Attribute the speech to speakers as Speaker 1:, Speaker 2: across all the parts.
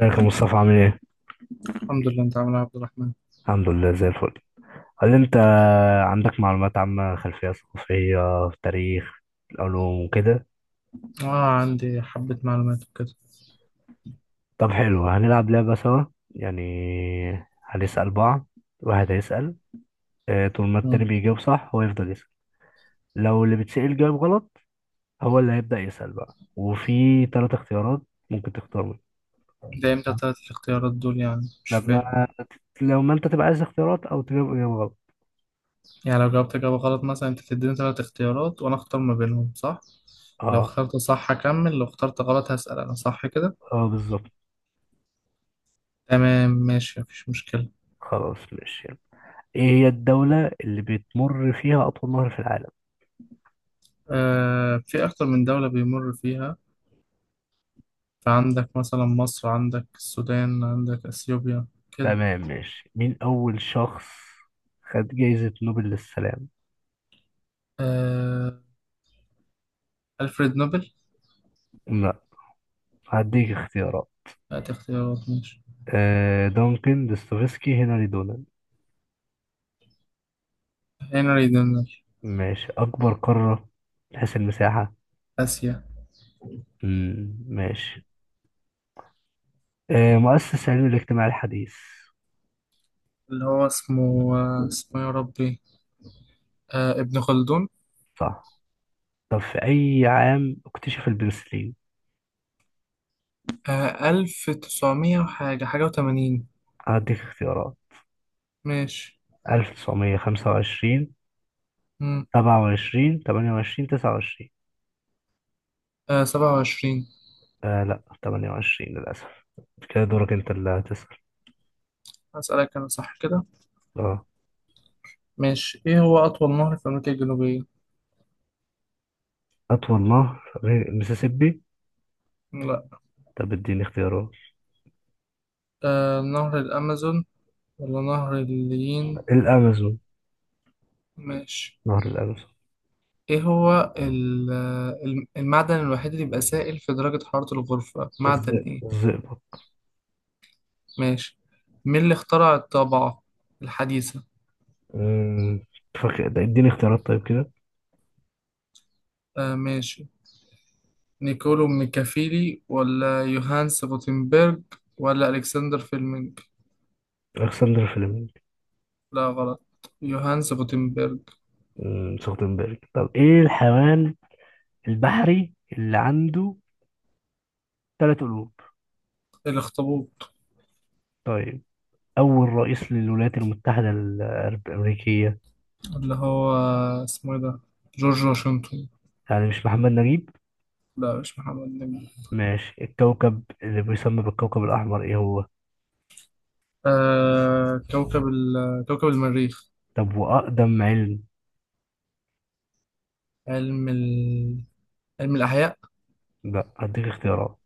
Speaker 1: ازيك يا مصطفى عامل ايه؟
Speaker 2: الحمد لله، انت عامل ايه يا عبد الرحمن؟
Speaker 1: الحمد لله زي الفل. هل انت عندك معلومات عامة، خلفية ثقافية، تاريخ، علوم وكده؟
Speaker 2: اه، عندي حبة معلومات وكده.
Speaker 1: طب حلو، هنلعب لعبة سوا. يعني هنسأل بعض. واحد هيسأل، اه، طول ما التاني
Speaker 2: مم.
Speaker 1: بيجاوب صح هو يفضل يسأل. لو اللي بيتسأل جاوب غلط هو اللي هيبدأ يسأل بقى، وفي تلات اختيارات ممكن تختار منهم.
Speaker 2: ده امتى
Speaker 1: اه.
Speaker 2: تلات الاختيارات دول؟ يعني مش فاهم.
Speaker 1: لما لو ما انت تبقى عايز اختيارات او تجاوب اجابة غلط.
Speaker 2: يعني لو جاوبت اجابة غلط مثلا انت تديني تلات اختيارات وانا اختار ما بينهم صح؟ لو
Speaker 1: اه،
Speaker 2: اخترت صح هكمل، لو اخترت غلط هسأل انا، صح كده؟
Speaker 1: اه بالظبط.
Speaker 2: تمام، ماشي، مفيش مشكلة.
Speaker 1: خلاص ماشي. ايه هي الدولة اللي بتمر فيها أطول نهر في العالم؟
Speaker 2: في اكتر من دولة بيمر فيها. فعندك مثلا مصر، عندك السودان، عندك اثيوبيا، كده.
Speaker 1: تمام ماشي. مين أول شخص خد جايزة نوبل للسلام؟
Speaker 2: آه ألفريد نوبل.
Speaker 1: لا، هديك اختيارات.
Speaker 2: هات اختيارات، ماشي.
Speaker 1: آه، دونكن دوستويفسكي، هنري دونان.
Speaker 2: هنري دونر.
Speaker 1: ماشي. أكبر قارة من حيث المساحة.
Speaker 2: آسيا.
Speaker 1: مم. ماشي. آه مؤسس علم الاجتماع الحديث.
Speaker 2: اللي هو اسمه، اسمه يا ربي، ابن خلدون.
Speaker 1: صح. طب في أي عام اكتشف البنسلين؟
Speaker 2: ألف تسعمية وحاجة حاجة وتمانين.
Speaker 1: هديك اختيارات.
Speaker 2: ماشي.
Speaker 1: 1925،
Speaker 2: مم.
Speaker 1: 27، 28، 29.
Speaker 2: سبعة وعشرين.
Speaker 1: آه لا، 28 للأسف. كده دورك أنت اللي هتسأل.
Speaker 2: هسألك أنا، صح كده؟
Speaker 1: اه.
Speaker 2: ماشي. إيه هو أطول نهر في أمريكا الجنوبية؟
Speaker 1: أطول نهر غير المسيسيبي.
Speaker 2: لا.
Speaker 1: طب اديني اختيارات.
Speaker 2: نهر الأمازون ولا نهر الليين؟
Speaker 1: الأمازون.
Speaker 2: ماشي.
Speaker 1: نهر الأمازون.
Speaker 2: إيه هو المعدن الوحيد اللي بيبقى سائل في درجة حرارة الغرفة؟ معدن إيه؟
Speaker 1: الزئبق.
Speaker 2: ماشي. مين اللي اخترع الطبعة الحديثة؟
Speaker 1: أمم، فاكر ده، اديني اختيارات طيب كده.
Speaker 2: ماشي. نيكولو ميكافيلي، ولا يوهانس غوتنبرج، ولا ألكسندر فيلمينج؟
Speaker 1: ألكسندر فليمنج.
Speaker 2: لا، غلط، يوهانس غوتنبرج.
Speaker 1: سخنبرج. طب إيه الحيوان البحري اللي عنده ثلاث قلوب؟
Speaker 2: الأخطبوط.
Speaker 1: طيب أول رئيس للولايات المتحدة الأمريكية.
Speaker 2: اللي هو اسمه إيه ده؟ جورج واشنطن.
Speaker 1: يعني مش محمد نجيب.
Speaker 2: لا، مش محمد نجم.
Speaker 1: ماشي. الكوكب اللي بيسمى بالكوكب الأحمر إيه هو؟
Speaker 2: كوكب كوكب المريخ.
Speaker 1: طب وأقدم علم؟
Speaker 2: علم علم الأحياء.
Speaker 1: بقى هديك اختيارات.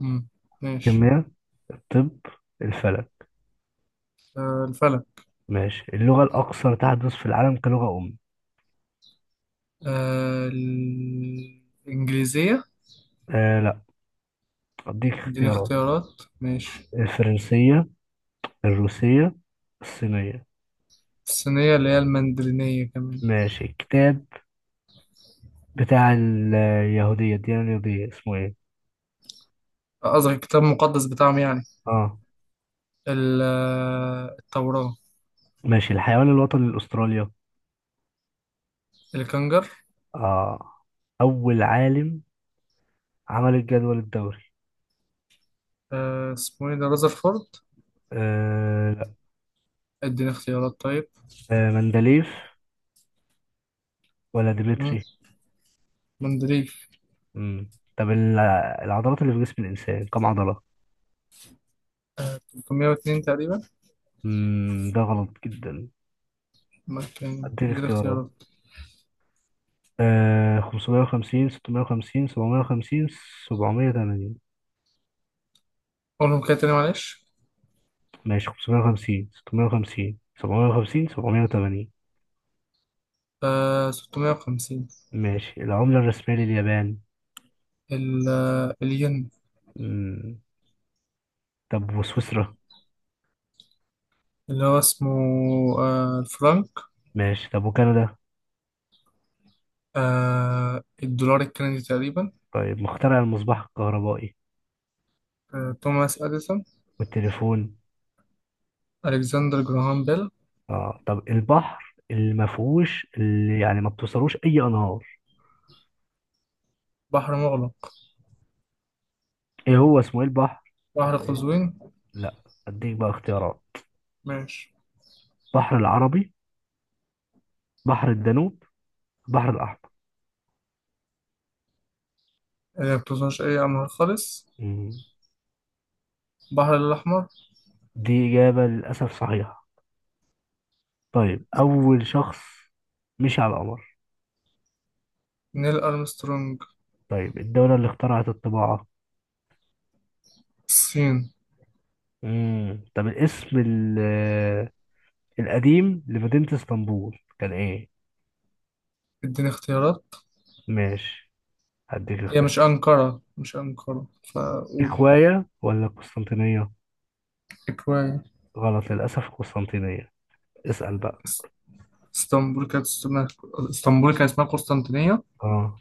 Speaker 2: مم. ماشي.
Speaker 1: كيمياء، الطب، الفلك.
Speaker 2: الفلك.
Speaker 1: ماشي. اللغة الأكثر تحدث في العالم كلغة أم.
Speaker 2: الإنجليزية.
Speaker 1: آه لا، أديك
Speaker 2: اديني
Speaker 1: اختيارات.
Speaker 2: اختيارات، ماشي.
Speaker 1: الفرنسية، الروسية، الصينية.
Speaker 2: الصينية، اللي هي المندرينية كمان.
Speaker 1: ماشي. الكتاب بتاع اليهودية، الديانة اليهودية اسمه ايه؟
Speaker 2: قصدك الكتاب المقدس بتاعهم يعني؟
Speaker 1: اه.
Speaker 2: ال- التوراة.
Speaker 1: ماشي. الحيوان الوطني لأستراليا.
Speaker 2: الكنجر.
Speaker 1: اه. أول عالم عمل الجدول الدوري.
Speaker 2: اسمه ايه ده؟ رذرفورد.
Speaker 1: آه لا.
Speaker 2: اديني اختيارات طيب.
Speaker 1: آه، مندليف ولا
Speaker 2: مم.
Speaker 1: ديمتري.
Speaker 2: مندليف.
Speaker 1: امم. طب العضلات اللي في جسم الإنسان كم عضلة؟
Speaker 2: 302 تقريبا.
Speaker 1: ده غلط جدا.
Speaker 2: ما كان
Speaker 1: أديك
Speaker 2: اديني
Speaker 1: اختيارات.
Speaker 2: اختيارات.
Speaker 1: آه، 550، 650، 750، 780.
Speaker 2: قولهم كده تاني، معلش.
Speaker 1: ماشي، 550، 650، 750، 780.
Speaker 2: 650.
Speaker 1: ماشي. العملة الرسمية لليابان.
Speaker 2: الين.
Speaker 1: امم. طب وسويسرا؟
Speaker 2: اللي هو اسمه، الفرنك.
Speaker 1: ماشي. طب وكندا؟
Speaker 2: الدولار الكندي تقريبا.
Speaker 1: طيب مخترع المصباح الكهربائي.
Speaker 2: توماس اديسون.
Speaker 1: والتليفون.
Speaker 2: الكسندر جراهام بيل.
Speaker 1: اه. طب البحر اللي ما فيهوش، اللي يعني ما بتوصلوش أي أنهار.
Speaker 2: بحر مغلق.
Speaker 1: ايه هو اسمه ايه البحر؟
Speaker 2: بحر
Speaker 1: بحر،
Speaker 2: قزوين.
Speaker 1: لا. اديك بقى اختيارات.
Speaker 2: ماشي.
Speaker 1: بحر العربي، بحر الدانوب، بحر الأحمر.
Speaker 2: ما بتوصلش اي انهار خالص.
Speaker 1: مم.
Speaker 2: البحر الاحمر.
Speaker 1: دي إجابة للأسف صحيحة. طيب أول شخص مشي على القمر.
Speaker 2: نيل أرمسترونج.
Speaker 1: طيب الدولة اللي اخترعت الطباعة.
Speaker 2: الصين.
Speaker 1: مم. طب الاسم القديم لمدينة اسطنبول كان إيه؟
Speaker 2: اديني اختيارات.
Speaker 1: ماشي هديك
Speaker 2: هي مش
Speaker 1: اختيار.
Speaker 2: أنقرة، مش أنقرة، فأقول.
Speaker 1: إكواية ولا قسطنطينية؟
Speaker 2: إكوان.
Speaker 1: غلط للأسف، قسطنطينية. اسأل بقى.
Speaker 2: إس- اسطنبول كانت اسمها اسطنبول كان اسمها قسطنطينية.
Speaker 1: اه.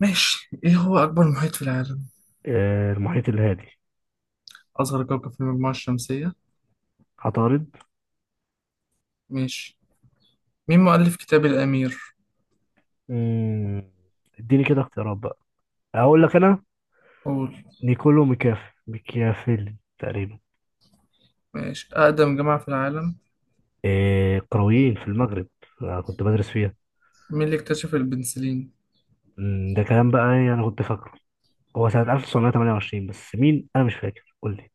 Speaker 2: ماشي. إيه هو أكبر محيط في العالم؟
Speaker 1: آه، المحيط الهادي.
Speaker 2: أصغر كوكب في المجموعة الشمسية؟
Speaker 1: عطارد.
Speaker 2: ماشي. مين مؤلف كتاب الأمير؟
Speaker 1: مم. اديني كده اختيارات بقى، اقول لك انا.
Speaker 2: قول.
Speaker 1: نيكولو ميكافيلي تقريبا.
Speaker 2: ماشي. أقدم جامعة في العالم؟
Speaker 1: إيه، قرويين في المغرب، أنا كنت بدرس فيها.
Speaker 2: مين اللي اكتشف البنسلين؟
Speaker 1: ده كلام بقى، يعني انا كنت فاكره هو سنة 1928، بس مين انا مش فاكر، قول لي.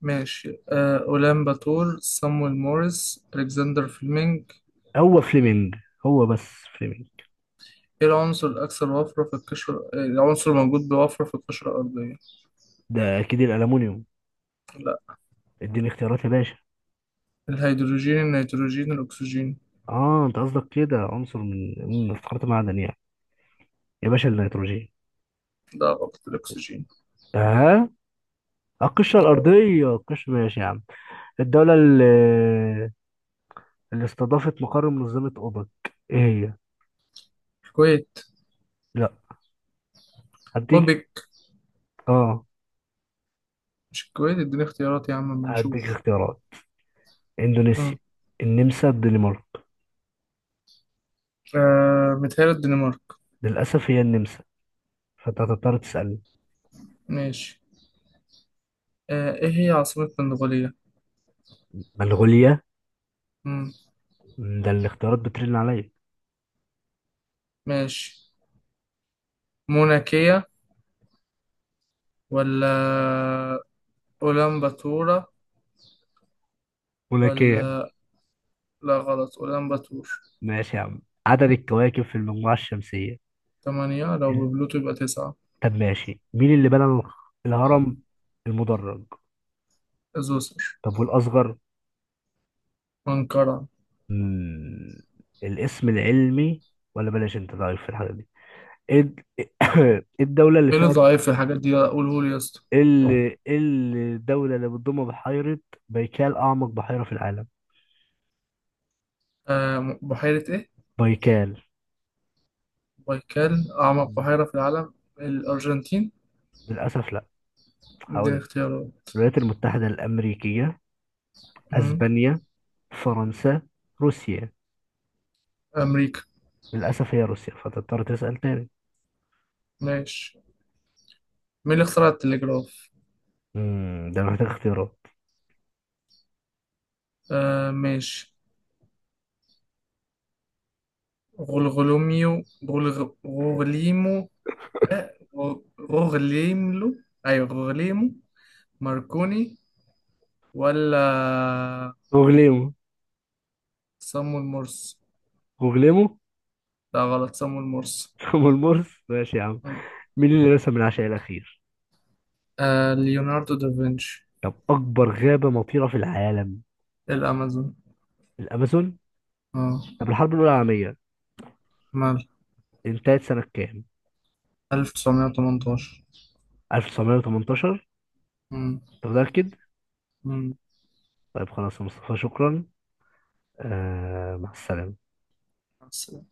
Speaker 2: ماشي. أولان باتور، سامويل موريس، ألكسندر فليمنج؟
Speaker 1: هو فليمنج، هو بس، فليمنج.
Speaker 2: ايه العنصر الأكثر وفرة في القشرة إيه العنصر الموجود بوفرة في القشرة الأرضية؟
Speaker 1: ده اكيد الالومنيوم.
Speaker 2: لا.
Speaker 1: اديني اختيارات يا باشا.
Speaker 2: الهيدروجين، النيتروجين، الأكسجين؟
Speaker 1: اه انت قصدك كده عنصر، من افتقرت معدن يعني. يا باشا النيتروجين.
Speaker 2: لا، غلط، الأكسجين.
Speaker 1: اه. القشرة
Speaker 2: غلط.
Speaker 1: الأرضية، القشرة، ماشي يا عم. الدولة اللي, اللي استضافت مقر منظمة أوبك إيه هي؟
Speaker 2: الكويت.
Speaker 1: لا، هديك.
Speaker 2: أوبك.
Speaker 1: اه،
Speaker 2: مش الكويت؟ اديني اختيارات يا عم،
Speaker 1: هديك
Speaker 2: بنشوف.
Speaker 1: اختيارات. اندونيسيا،
Speaker 2: مم.
Speaker 1: النمسا، الدنمارك.
Speaker 2: متهيألي الدنمارك.
Speaker 1: للاسف هي النمسا، فانت هتضطر تسالني.
Speaker 2: ماشي. ايه هي عاصمة منغوليا؟
Speaker 1: منغوليا.
Speaker 2: مم.
Speaker 1: مم، ده الاختيارات بترن عليا.
Speaker 2: ماشي. موناكية، ولا أولانباتورا،
Speaker 1: ملوكية.
Speaker 2: ولا؟ لا، غلط، أولانباتور.
Speaker 1: ماشي يا عم. عدد الكواكب في المجموعة الشمسية.
Speaker 2: تمانية، لو ببلوتو يبقى تسعة.
Speaker 1: طب ماشي. مين اللي بنى الهرم المدرج؟
Speaker 2: زوسر.
Speaker 1: طب والأصغر؟
Speaker 2: أنقرة.
Speaker 1: مم، الاسم العلمي، ولا بلاش انت ضعيف في الحاجة دي. ايه إيه الدولة اللي
Speaker 2: ايه اللي
Speaker 1: فيها،
Speaker 2: ضعيف في الحاجات دي؟ قوله لي يا اسطى.
Speaker 1: ايه إيه الدولة اللي بتضم بحيرة بايكال، أعمق بحيرة في العالم؟
Speaker 2: بحيرة ايه؟
Speaker 1: بايكال.
Speaker 2: بايكال، أعمق بحيرة في العالم، الأرجنتين.
Speaker 1: للأسف لا. هقول
Speaker 2: دي
Speaker 1: لك.
Speaker 2: اختيارات؟
Speaker 1: الولايات المتحدة الأمريكية،
Speaker 2: مم.
Speaker 1: أسبانيا، فرنسا، روسيا.
Speaker 2: أمريكا.
Speaker 1: للأسف هي روسيا، فتضطر تسأل تاني.
Speaker 2: ماشي. مين اللي اخترع التلجراف؟
Speaker 1: مم، ده محتاج اختيارات.
Speaker 2: ماشي. غلغلوميو، غوغليمو، آه، غو- غوغليملو، أيوة، غوغليمو ماركوني ولا
Speaker 1: غوغليمو،
Speaker 2: صامويل مرس؟
Speaker 1: غوغليمو.
Speaker 2: لا، غلط، صامويل مرس.
Speaker 1: أم المرس، ماشي يا عم. مين اللي رسم العشاء الأخير؟
Speaker 2: ليوناردو دافنشي.
Speaker 1: طب أكبر غابة مطيرة في العالم؟
Speaker 2: الأمازون.
Speaker 1: الأمازون.
Speaker 2: اه.
Speaker 1: طب الحرب الأولى العالمية
Speaker 2: مال.
Speaker 1: انتهت سنة كام؟
Speaker 2: 1918.
Speaker 1: 1918.
Speaker 2: امم.
Speaker 1: أنت متأكد؟
Speaker 2: امم،
Speaker 1: طيب خلاص يا مصطفى شكرا. آه مع السلامة.
Speaker 2: بس.